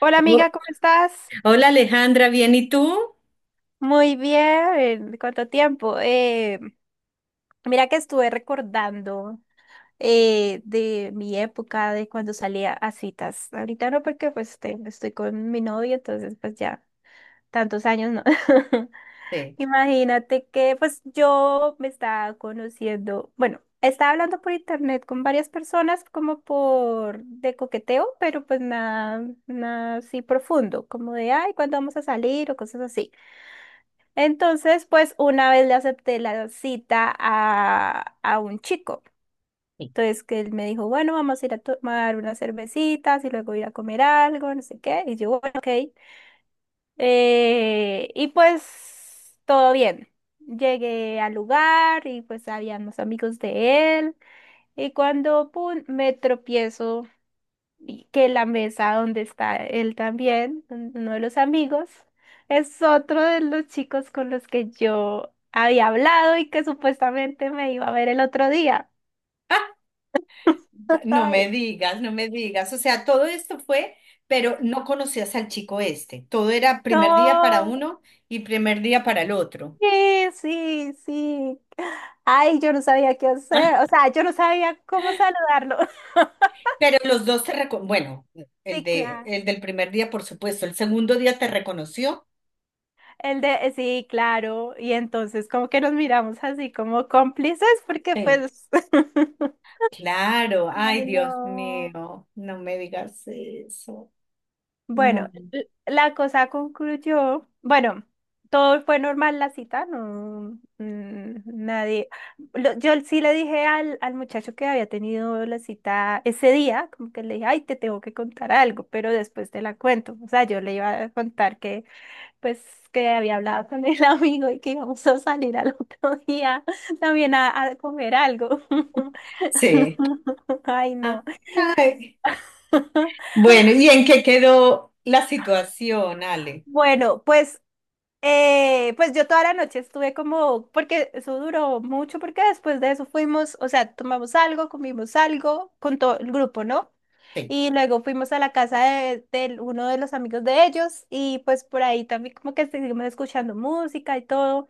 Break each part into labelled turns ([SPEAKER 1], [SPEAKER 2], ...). [SPEAKER 1] Hola
[SPEAKER 2] Oh,
[SPEAKER 1] amiga, ¿cómo estás?
[SPEAKER 2] hola Alejandra, ¿bien y tú?
[SPEAKER 1] Muy bien, ¿cuánto tiempo? Mira que estuve recordando de mi época, de cuando salía a citas. Ahorita no porque pues estoy con mi novio, entonces pues ya tantos años no.
[SPEAKER 2] Sí.
[SPEAKER 1] Imagínate que pues yo me estaba conociendo, bueno, estaba hablando por internet con varias personas como por de coqueteo, pero pues nada, nada así profundo, como de, ay, ¿cuándo vamos a salir? O cosas así. Entonces, pues una vez le acepté la cita a un chico.
[SPEAKER 2] Sí.
[SPEAKER 1] Entonces, que él me dijo, bueno, vamos a ir a tomar unas cervecitas y luego ir a comer algo, no sé qué. Y yo, bueno, ok. Y pues todo bien. Llegué al lugar y pues habían los amigos de él. Y cuando pum, me tropiezo y que la mesa donde está él también, uno de los amigos, es otro de los chicos con los que yo había hablado y que supuestamente me iba a ver el otro día.
[SPEAKER 2] Ah, no
[SPEAKER 1] Ay,
[SPEAKER 2] me digas, no me digas. O sea, todo esto fue, pero no conocías al chico este. Todo era primer día para
[SPEAKER 1] no,
[SPEAKER 2] uno y primer día para el otro.
[SPEAKER 1] sí, sí, sí. Ay, yo no sabía qué
[SPEAKER 2] Ah,
[SPEAKER 1] hacer, o sea, yo no sabía cómo saludarlo.
[SPEAKER 2] pero los dos te reco- bueno, el
[SPEAKER 1] Sí,
[SPEAKER 2] de,
[SPEAKER 1] claro.
[SPEAKER 2] el del primer día, por supuesto. El segundo día te reconoció.
[SPEAKER 1] El de, sí, claro. Y entonces como que nos miramos así como cómplices porque
[SPEAKER 2] Sí.
[SPEAKER 1] pues
[SPEAKER 2] Claro, ay
[SPEAKER 1] Ay,
[SPEAKER 2] Dios
[SPEAKER 1] no.
[SPEAKER 2] mío, no me digas eso.
[SPEAKER 1] Bueno,
[SPEAKER 2] No.
[SPEAKER 1] la cosa concluyó, bueno, todo fue normal la cita, no, nadie, yo sí le dije al muchacho que había tenido la cita ese día, como que le dije, ay, te tengo que contar algo, pero después te la cuento, o sea, yo le iba a contar que, pues, que había hablado con el amigo y que íbamos a salir al otro día también a comer algo.
[SPEAKER 2] Sí.
[SPEAKER 1] Ay,
[SPEAKER 2] Ah.
[SPEAKER 1] no.
[SPEAKER 2] Bueno, ¿y en qué quedó la situación, Ale?
[SPEAKER 1] Bueno, pues yo toda la noche estuve como, porque eso duró mucho, porque después de eso fuimos, o sea, tomamos algo, comimos algo con todo el grupo, ¿no?
[SPEAKER 2] Sí,
[SPEAKER 1] Y luego fuimos a la casa de uno de los amigos de ellos y pues por ahí también como que seguimos escuchando música y todo.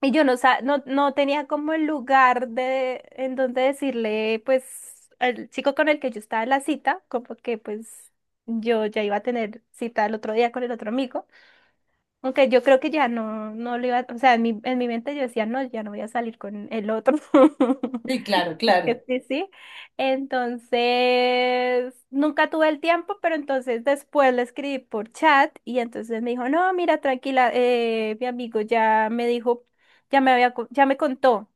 [SPEAKER 1] Y yo no, no, no tenía como el lugar de en donde decirle pues al chico con el que yo estaba en la cita, como que pues yo ya iba a tener cita el otro día con el otro amigo. Aunque yo creo que ya no, no le iba, o sea, en mi mente yo decía, no, ya no voy a salir con el otro.
[SPEAKER 2] sí, claro, claro.
[SPEAKER 1] Que sí, sí. Entonces, nunca tuve el tiempo, pero entonces después le escribí por chat y entonces me dijo, no, mira, tranquila, mi amigo ya me dijo, ya me había, ya me contó.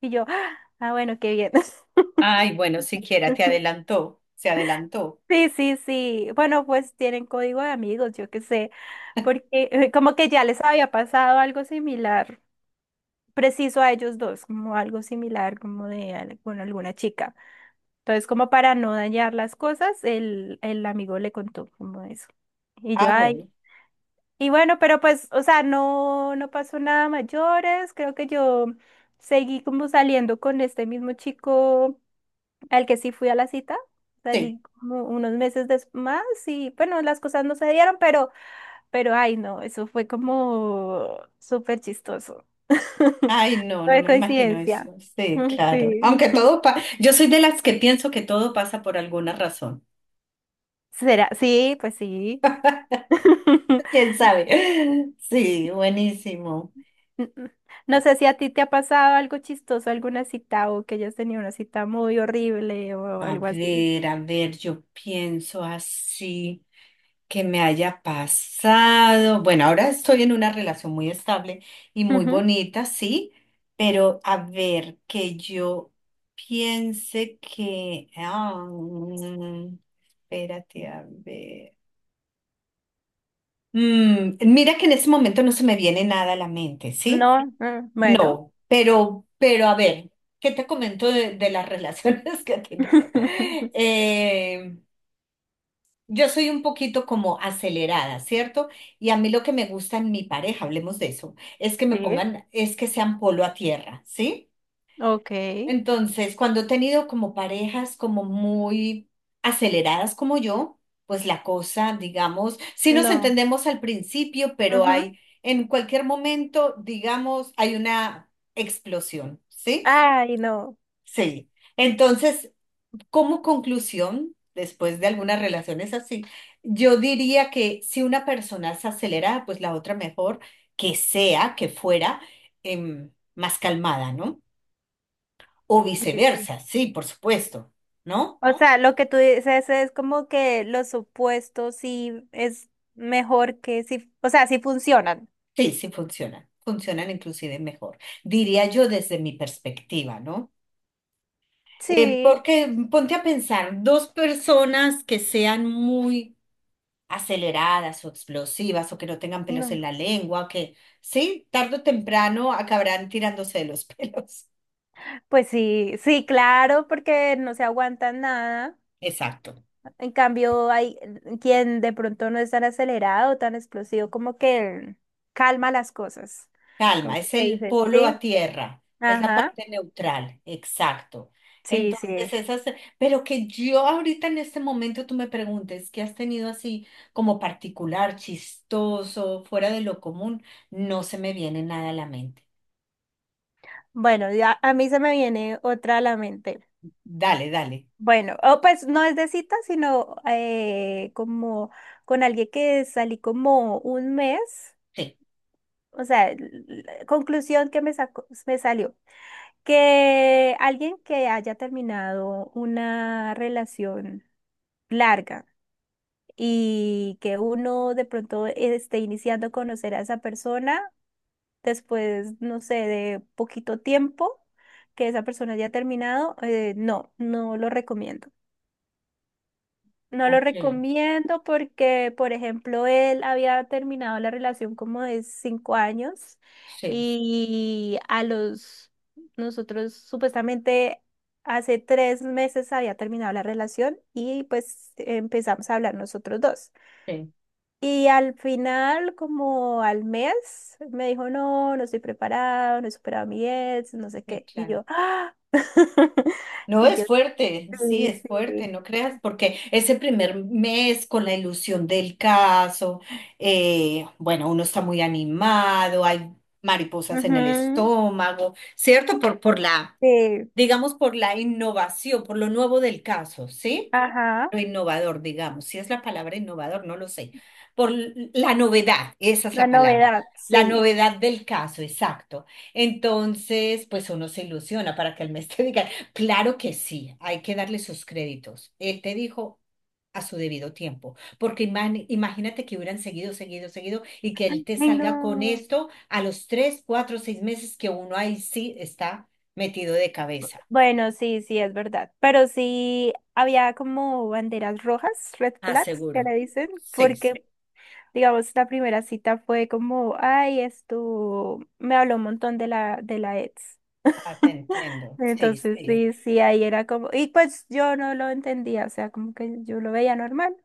[SPEAKER 1] Y yo, ah, ah, bueno, qué bien.
[SPEAKER 2] Ay, bueno, siquiera te adelantó, se adelantó.
[SPEAKER 1] Sí, sí, sí. Bueno, pues tienen código de amigos, yo qué sé, porque como que ya les había pasado algo similar. Preciso a ellos dos, como algo similar, como de con alguna chica. Entonces, como para no dañar las cosas, el amigo le contó como eso. Y yo,
[SPEAKER 2] Ah,
[SPEAKER 1] ay,
[SPEAKER 2] bueno,
[SPEAKER 1] y bueno, pero pues, o sea, no, no pasó nada mayores, creo que yo seguí como saliendo con este mismo chico al que sí fui a la cita.
[SPEAKER 2] sí.
[SPEAKER 1] Salí como unos meses después más y bueno, las cosas no se dieron, pero ay, no, eso fue como súper chistoso.
[SPEAKER 2] Ay, no,
[SPEAKER 1] No
[SPEAKER 2] no
[SPEAKER 1] es
[SPEAKER 2] me imagino
[SPEAKER 1] coincidencia.
[SPEAKER 2] eso. Sí, claro.
[SPEAKER 1] Sí.
[SPEAKER 2] Aunque todo pasa, yo soy de las que pienso que todo pasa por alguna razón.
[SPEAKER 1] ¿Será? Sí, pues sí.
[SPEAKER 2] ¿Quién sabe? Sí, buenísimo.
[SPEAKER 1] N- No sé si a ti te ha pasado algo chistoso, alguna cita o que hayas tenido una cita muy horrible o algo así.
[SPEAKER 2] A ver, yo pienso así. Que me haya pasado. Bueno, ahora estoy en una relación muy estable y muy
[SPEAKER 1] Ujú.
[SPEAKER 2] bonita, sí, pero a ver, que yo piense que... espérate, a ver. Mira que en este momento no se me viene nada a la mente, ¿sí?
[SPEAKER 1] No, bueno.
[SPEAKER 2] No, pero a ver, ¿qué te comento de las relaciones que he tenido? Eh, Yo soy un poquito como acelerada, ¿cierto? Y a mí lo que me gusta en mi pareja, hablemos de eso, es que me
[SPEAKER 1] Sí,
[SPEAKER 2] pongan, es que sean polo a tierra, ¿sí?
[SPEAKER 1] ok.
[SPEAKER 2] Entonces, cuando he tenido como parejas como muy aceleradas como yo, pues la cosa, digamos, sí nos
[SPEAKER 1] No.
[SPEAKER 2] entendemos al principio, pero
[SPEAKER 1] Ujú.
[SPEAKER 2] hay, en cualquier momento, digamos, hay una explosión, ¿sí?
[SPEAKER 1] Ay, no.
[SPEAKER 2] Sí. Entonces, como conclusión, después de algunas relaciones así, yo diría que si una persona es acelerada, pues la otra mejor que sea, que fuera más calmada, ¿no? O
[SPEAKER 1] Sí,
[SPEAKER 2] viceversa,
[SPEAKER 1] sí.
[SPEAKER 2] sí, por supuesto, ¿no?
[SPEAKER 1] O sea, lo que tú dices es como que los opuestos sí es mejor que si, o sea, sí funcionan.
[SPEAKER 2] Sí, sí funcionan, funcionan inclusive mejor, diría yo desde mi perspectiva, ¿no?
[SPEAKER 1] Sí.
[SPEAKER 2] Porque ponte a pensar, dos personas que sean muy aceleradas o explosivas o que no tengan pelos
[SPEAKER 1] No.
[SPEAKER 2] en la lengua, que sí, tarde o temprano acabarán tirándose de los pelos.
[SPEAKER 1] Pues sí, sí, claro, porque no se aguantan nada.
[SPEAKER 2] Exacto.
[SPEAKER 1] En cambio, hay quien de pronto no es tan acelerado, tan explosivo, como que calma las cosas. Como
[SPEAKER 2] Calma,
[SPEAKER 1] que
[SPEAKER 2] es el
[SPEAKER 1] dices,
[SPEAKER 2] polo a
[SPEAKER 1] sí,
[SPEAKER 2] tierra, es la
[SPEAKER 1] ajá,
[SPEAKER 2] parte neutral, exacto.
[SPEAKER 1] sí,
[SPEAKER 2] Entonces,
[SPEAKER 1] sí.
[SPEAKER 2] esas, pero que yo ahorita en este momento tú me preguntes, ¿qué has tenido así como particular, chistoso, fuera de lo común? No se me viene nada a la mente.
[SPEAKER 1] Bueno, ya a mí se me viene otra a la mente.
[SPEAKER 2] Dale, dale.
[SPEAKER 1] Bueno, o pues no es de cita, sino como con alguien que salí como un mes.
[SPEAKER 2] Sí.
[SPEAKER 1] O sea, conclusión que me sacó, me salió. Que alguien que haya terminado una relación larga y que uno de pronto esté iniciando a conocer a esa persona después, no sé, de poquito tiempo que esa persona haya terminado, no, no lo recomiendo. No lo
[SPEAKER 2] Ok.
[SPEAKER 1] recomiendo porque, por ejemplo, él había terminado la relación como de 5 años
[SPEAKER 2] Sí,
[SPEAKER 1] y a los, nosotros supuestamente hace 3 meses había terminado la relación y pues empezamos a hablar nosotros dos.
[SPEAKER 2] sí,
[SPEAKER 1] Y al final, como al mes, me dijo, no, no estoy preparado, no he superado a mi ex, no sé
[SPEAKER 2] sí,
[SPEAKER 1] qué. Y
[SPEAKER 2] claro.
[SPEAKER 1] yo, ¡ah!
[SPEAKER 2] No,
[SPEAKER 1] Y
[SPEAKER 2] es
[SPEAKER 1] yo,
[SPEAKER 2] fuerte, sí,
[SPEAKER 1] sí,
[SPEAKER 2] es fuerte,
[SPEAKER 1] sí.
[SPEAKER 2] no creas, porque ese primer mes con la ilusión del caso, bueno, uno está muy animado, hay mariposas en el
[SPEAKER 1] Ujú,
[SPEAKER 2] estómago, ¿cierto? Por la,
[SPEAKER 1] sí.
[SPEAKER 2] digamos, por la innovación, por lo nuevo del caso, ¿sí?
[SPEAKER 1] Ajá,
[SPEAKER 2] Lo innovador, digamos, si es la palabra innovador, no lo sé, por l- la novedad, esa es
[SPEAKER 1] la
[SPEAKER 2] la palabra,
[SPEAKER 1] novedad,
[SPEAKER 2] la
[SPEAKER 1] sí.
[SPEAKER 2] novedad del caso, exacto. Entonces, pues uno se ilusiona para que el mes te diga, claro que sí, hay que darle sus créditos. Él te dijo a su debido tiempo, porque imag- imagínate que hubieran seguido, seguido, seguido y que él te
[SPEAKER 1] Ay,
[SPEAKER 2] salga con
[SPEAKER 1] no.
[SPEAKER 2] esto a los tres, cuatro, seis meses que uno ahí sí está metido de cabeza,
[SPEAKER 1] Bueno, sí, sí, es verdad. Pero sí había como banderas rojas, red flags, que
[SPEAKER 2] aseguro.
[SPEAKER 1] le dicen,
[SPEAKER 2] Sí, sí.
[SPEAKER 1] porque, digamos, la primera cita fue como, ay, esto, me habló un montón de la ex.
[SPEAKER 2] Ah, te entiendo. Sí,
[SPEAKER 1] Entonces,
[SPEAKER 2] sí.
[SPEAKER 1] sí, sí, ahí era como, y pues yo no lo entendía, o sea, como que yo lo veía normal,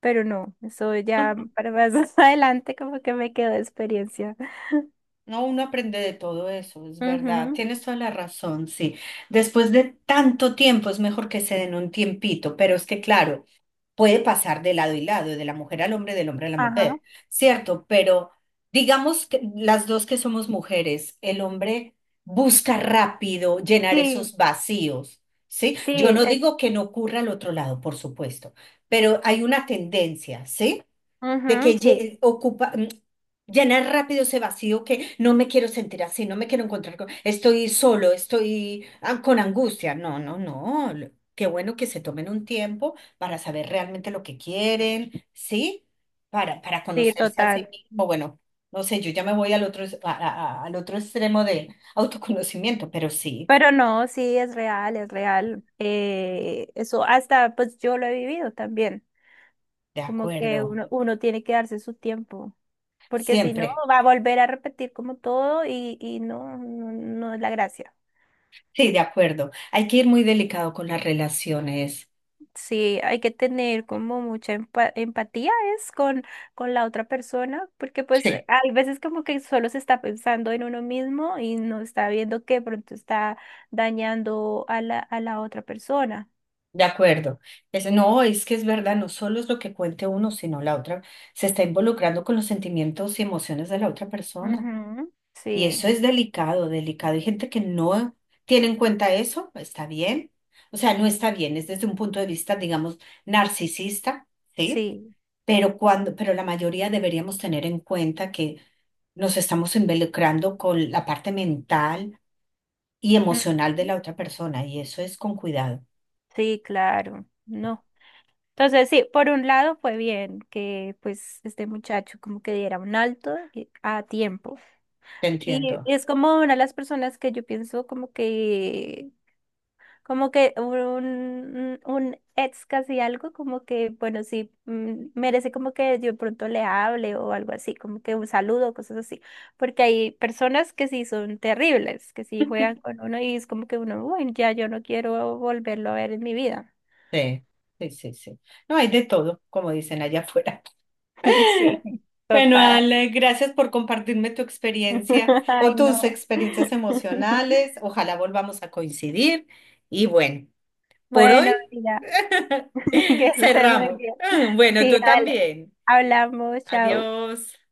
[SPEAKER 1] pero no, eso ya para más adelante como que me quedó de experiencia.
[SPEAKER 2] No, uno aprende de todo eso, es verdad.
[SPEAKER 1] Ujú,
[SPEAKER 2] Tienes toda la razón, sí. Después de tanto tiempo es mejor que se den un tiempito, pero es que claro, puede pasar de lado y lado, de la mujer al hombre, del hombre a la
[SPEAKER 1] ajá.
[SPEAKER 2] mujer, ¿cierto? Pero digamos que las dos que somos mujeres, el hombre busca rápido llenar
[SPEAKER 1] Sí,
[SPEAKER 2] esos vacíos, ¿sí?
[SPEAKER 1] sí,
[SPEAKER 2] Yo no digo que no ocurra al otro lado, por supuesto, pero hay una tendencia, ¿sí? De
[SPEAKER 1] ujú,
[SPEAKER 2] que lle-
[SPEAKER 1] sí,
[SPEAKER 2] ocupa, llenar rápido ese vacío que no me quiero sentir así, no me quiero encontrar con, estoy solo, estoy con angustia. No, no, no. lo- Qué bueno que se tomen un tiempo para saber realmente lo que quieren, ¿sí? Para
[SPEAKER 1] sí,
[SPEAKER 2] conocerse a sí
[SPEAKER 1] total.
[SPEAKER 2] mismo. Bueno, no sé, yo ya me voy al otro, es- a- al otro extremo de autoconocimiento, pero sí,
[SPEAKER 1] Pero no, sí, es real, es real. Eso hasta, pues yo lo he vivido también,
[SPEAKER 2] de
[SPEAKER 1] como que
[SPEAKER 2] acuerdo,
[SPEAKER 1] uno tiene que darse su tiempo, porque si no,
[SPEAKER 2] siempre.
[SPEAKER 1] va a volver a repetir como todo y no, no, no es la gracia.
[SPEAKER 2] Sí, de acuerdo. Hay que ir muy delicado con las relaciones.
[SPEAKER 1] Sí, hay que tener como mucha empatía es con la otra persona, porque pues
[SPEAKER 2] Sí.
[SPEAKER 1] hay veces como que solo se está pensando en uno mismo y no está viendo que pronto está dañando a la otra persona.
[SPEAKER 2] De acuerdo. Es, no, es que es verdad, no solo es lo que cuente uno, sino la otra se está involucrando con los sentimientos y emociones de la otra persona.
[SPEAKER 1] Ujú,
[SPEAKER 2] Y eso
[SPEAKER 1] sí,
[SPEAKER 2] es delicado, delicado. Hay gente que no tiene en cuenta eso, está bien. O sea, no está bien, es desde un punto de vista, digamos, narcisista, ¿sí?
[SPEAKER 1] sí.
[SPEAKER 2] Pero cuando, pero la mayoría deberíamos tener en cuenta que nos estamos involucrando con la parte mental y
[SPEAKER 1] Ujú,
[SPEAKER 2] emocional de la otra persona, y eso es con cuidado.
[SPEAKER 1] sí, claro. No. Entonces, sí, por un lado fue bien que pues este muchacho como que diera un alto a tiempo.
[SPEAKER 2] Te
[SPEAKER 1] Y
[SPEAKER 2] entiendo.
[SPEAKER 1] es como una de las personas que yo pienso como que un ex casi algo, como que, bueno, sí, merece como que yo de pronto le hable o algo así, como que un saludo, cosas así. Porque hay personas que sí son terribles, que sí juegan con uno y es como que uno, bueno, ya yo no quiero volverlo a ver en mi vida.
[SPEAKER 2] Sí, sí, sí, sí. No hay de todo, como dicen allá afuera.
[SPEAKER 1] Sí,
[SPEAKER 2] Bueno,
[SPEAKER 1] total.
[SPEAKER 2] Ale, gracias por compartirme tu experiencia o
[SPEAKER 1] Ay, no.
[SPEAKER 2] tus experiencias emocionales. Ojalá volvamos a coincidir. Y bueno, por hoy
[SPEAKER 1] Bueno, mira, que estés muy
[SPEAKER 2] cerramos.
[SPEAKER 1] bien.
[SPEAKER 2] Bueno,
[SPEAKER 1] Sí,
[SPEAKER 2] tú
[SPEAKER 1] dale.
[SPEAKER 2] también.
[SPEAKER 1] Hablamos, chao.
[SPEAKER 2] Adiós.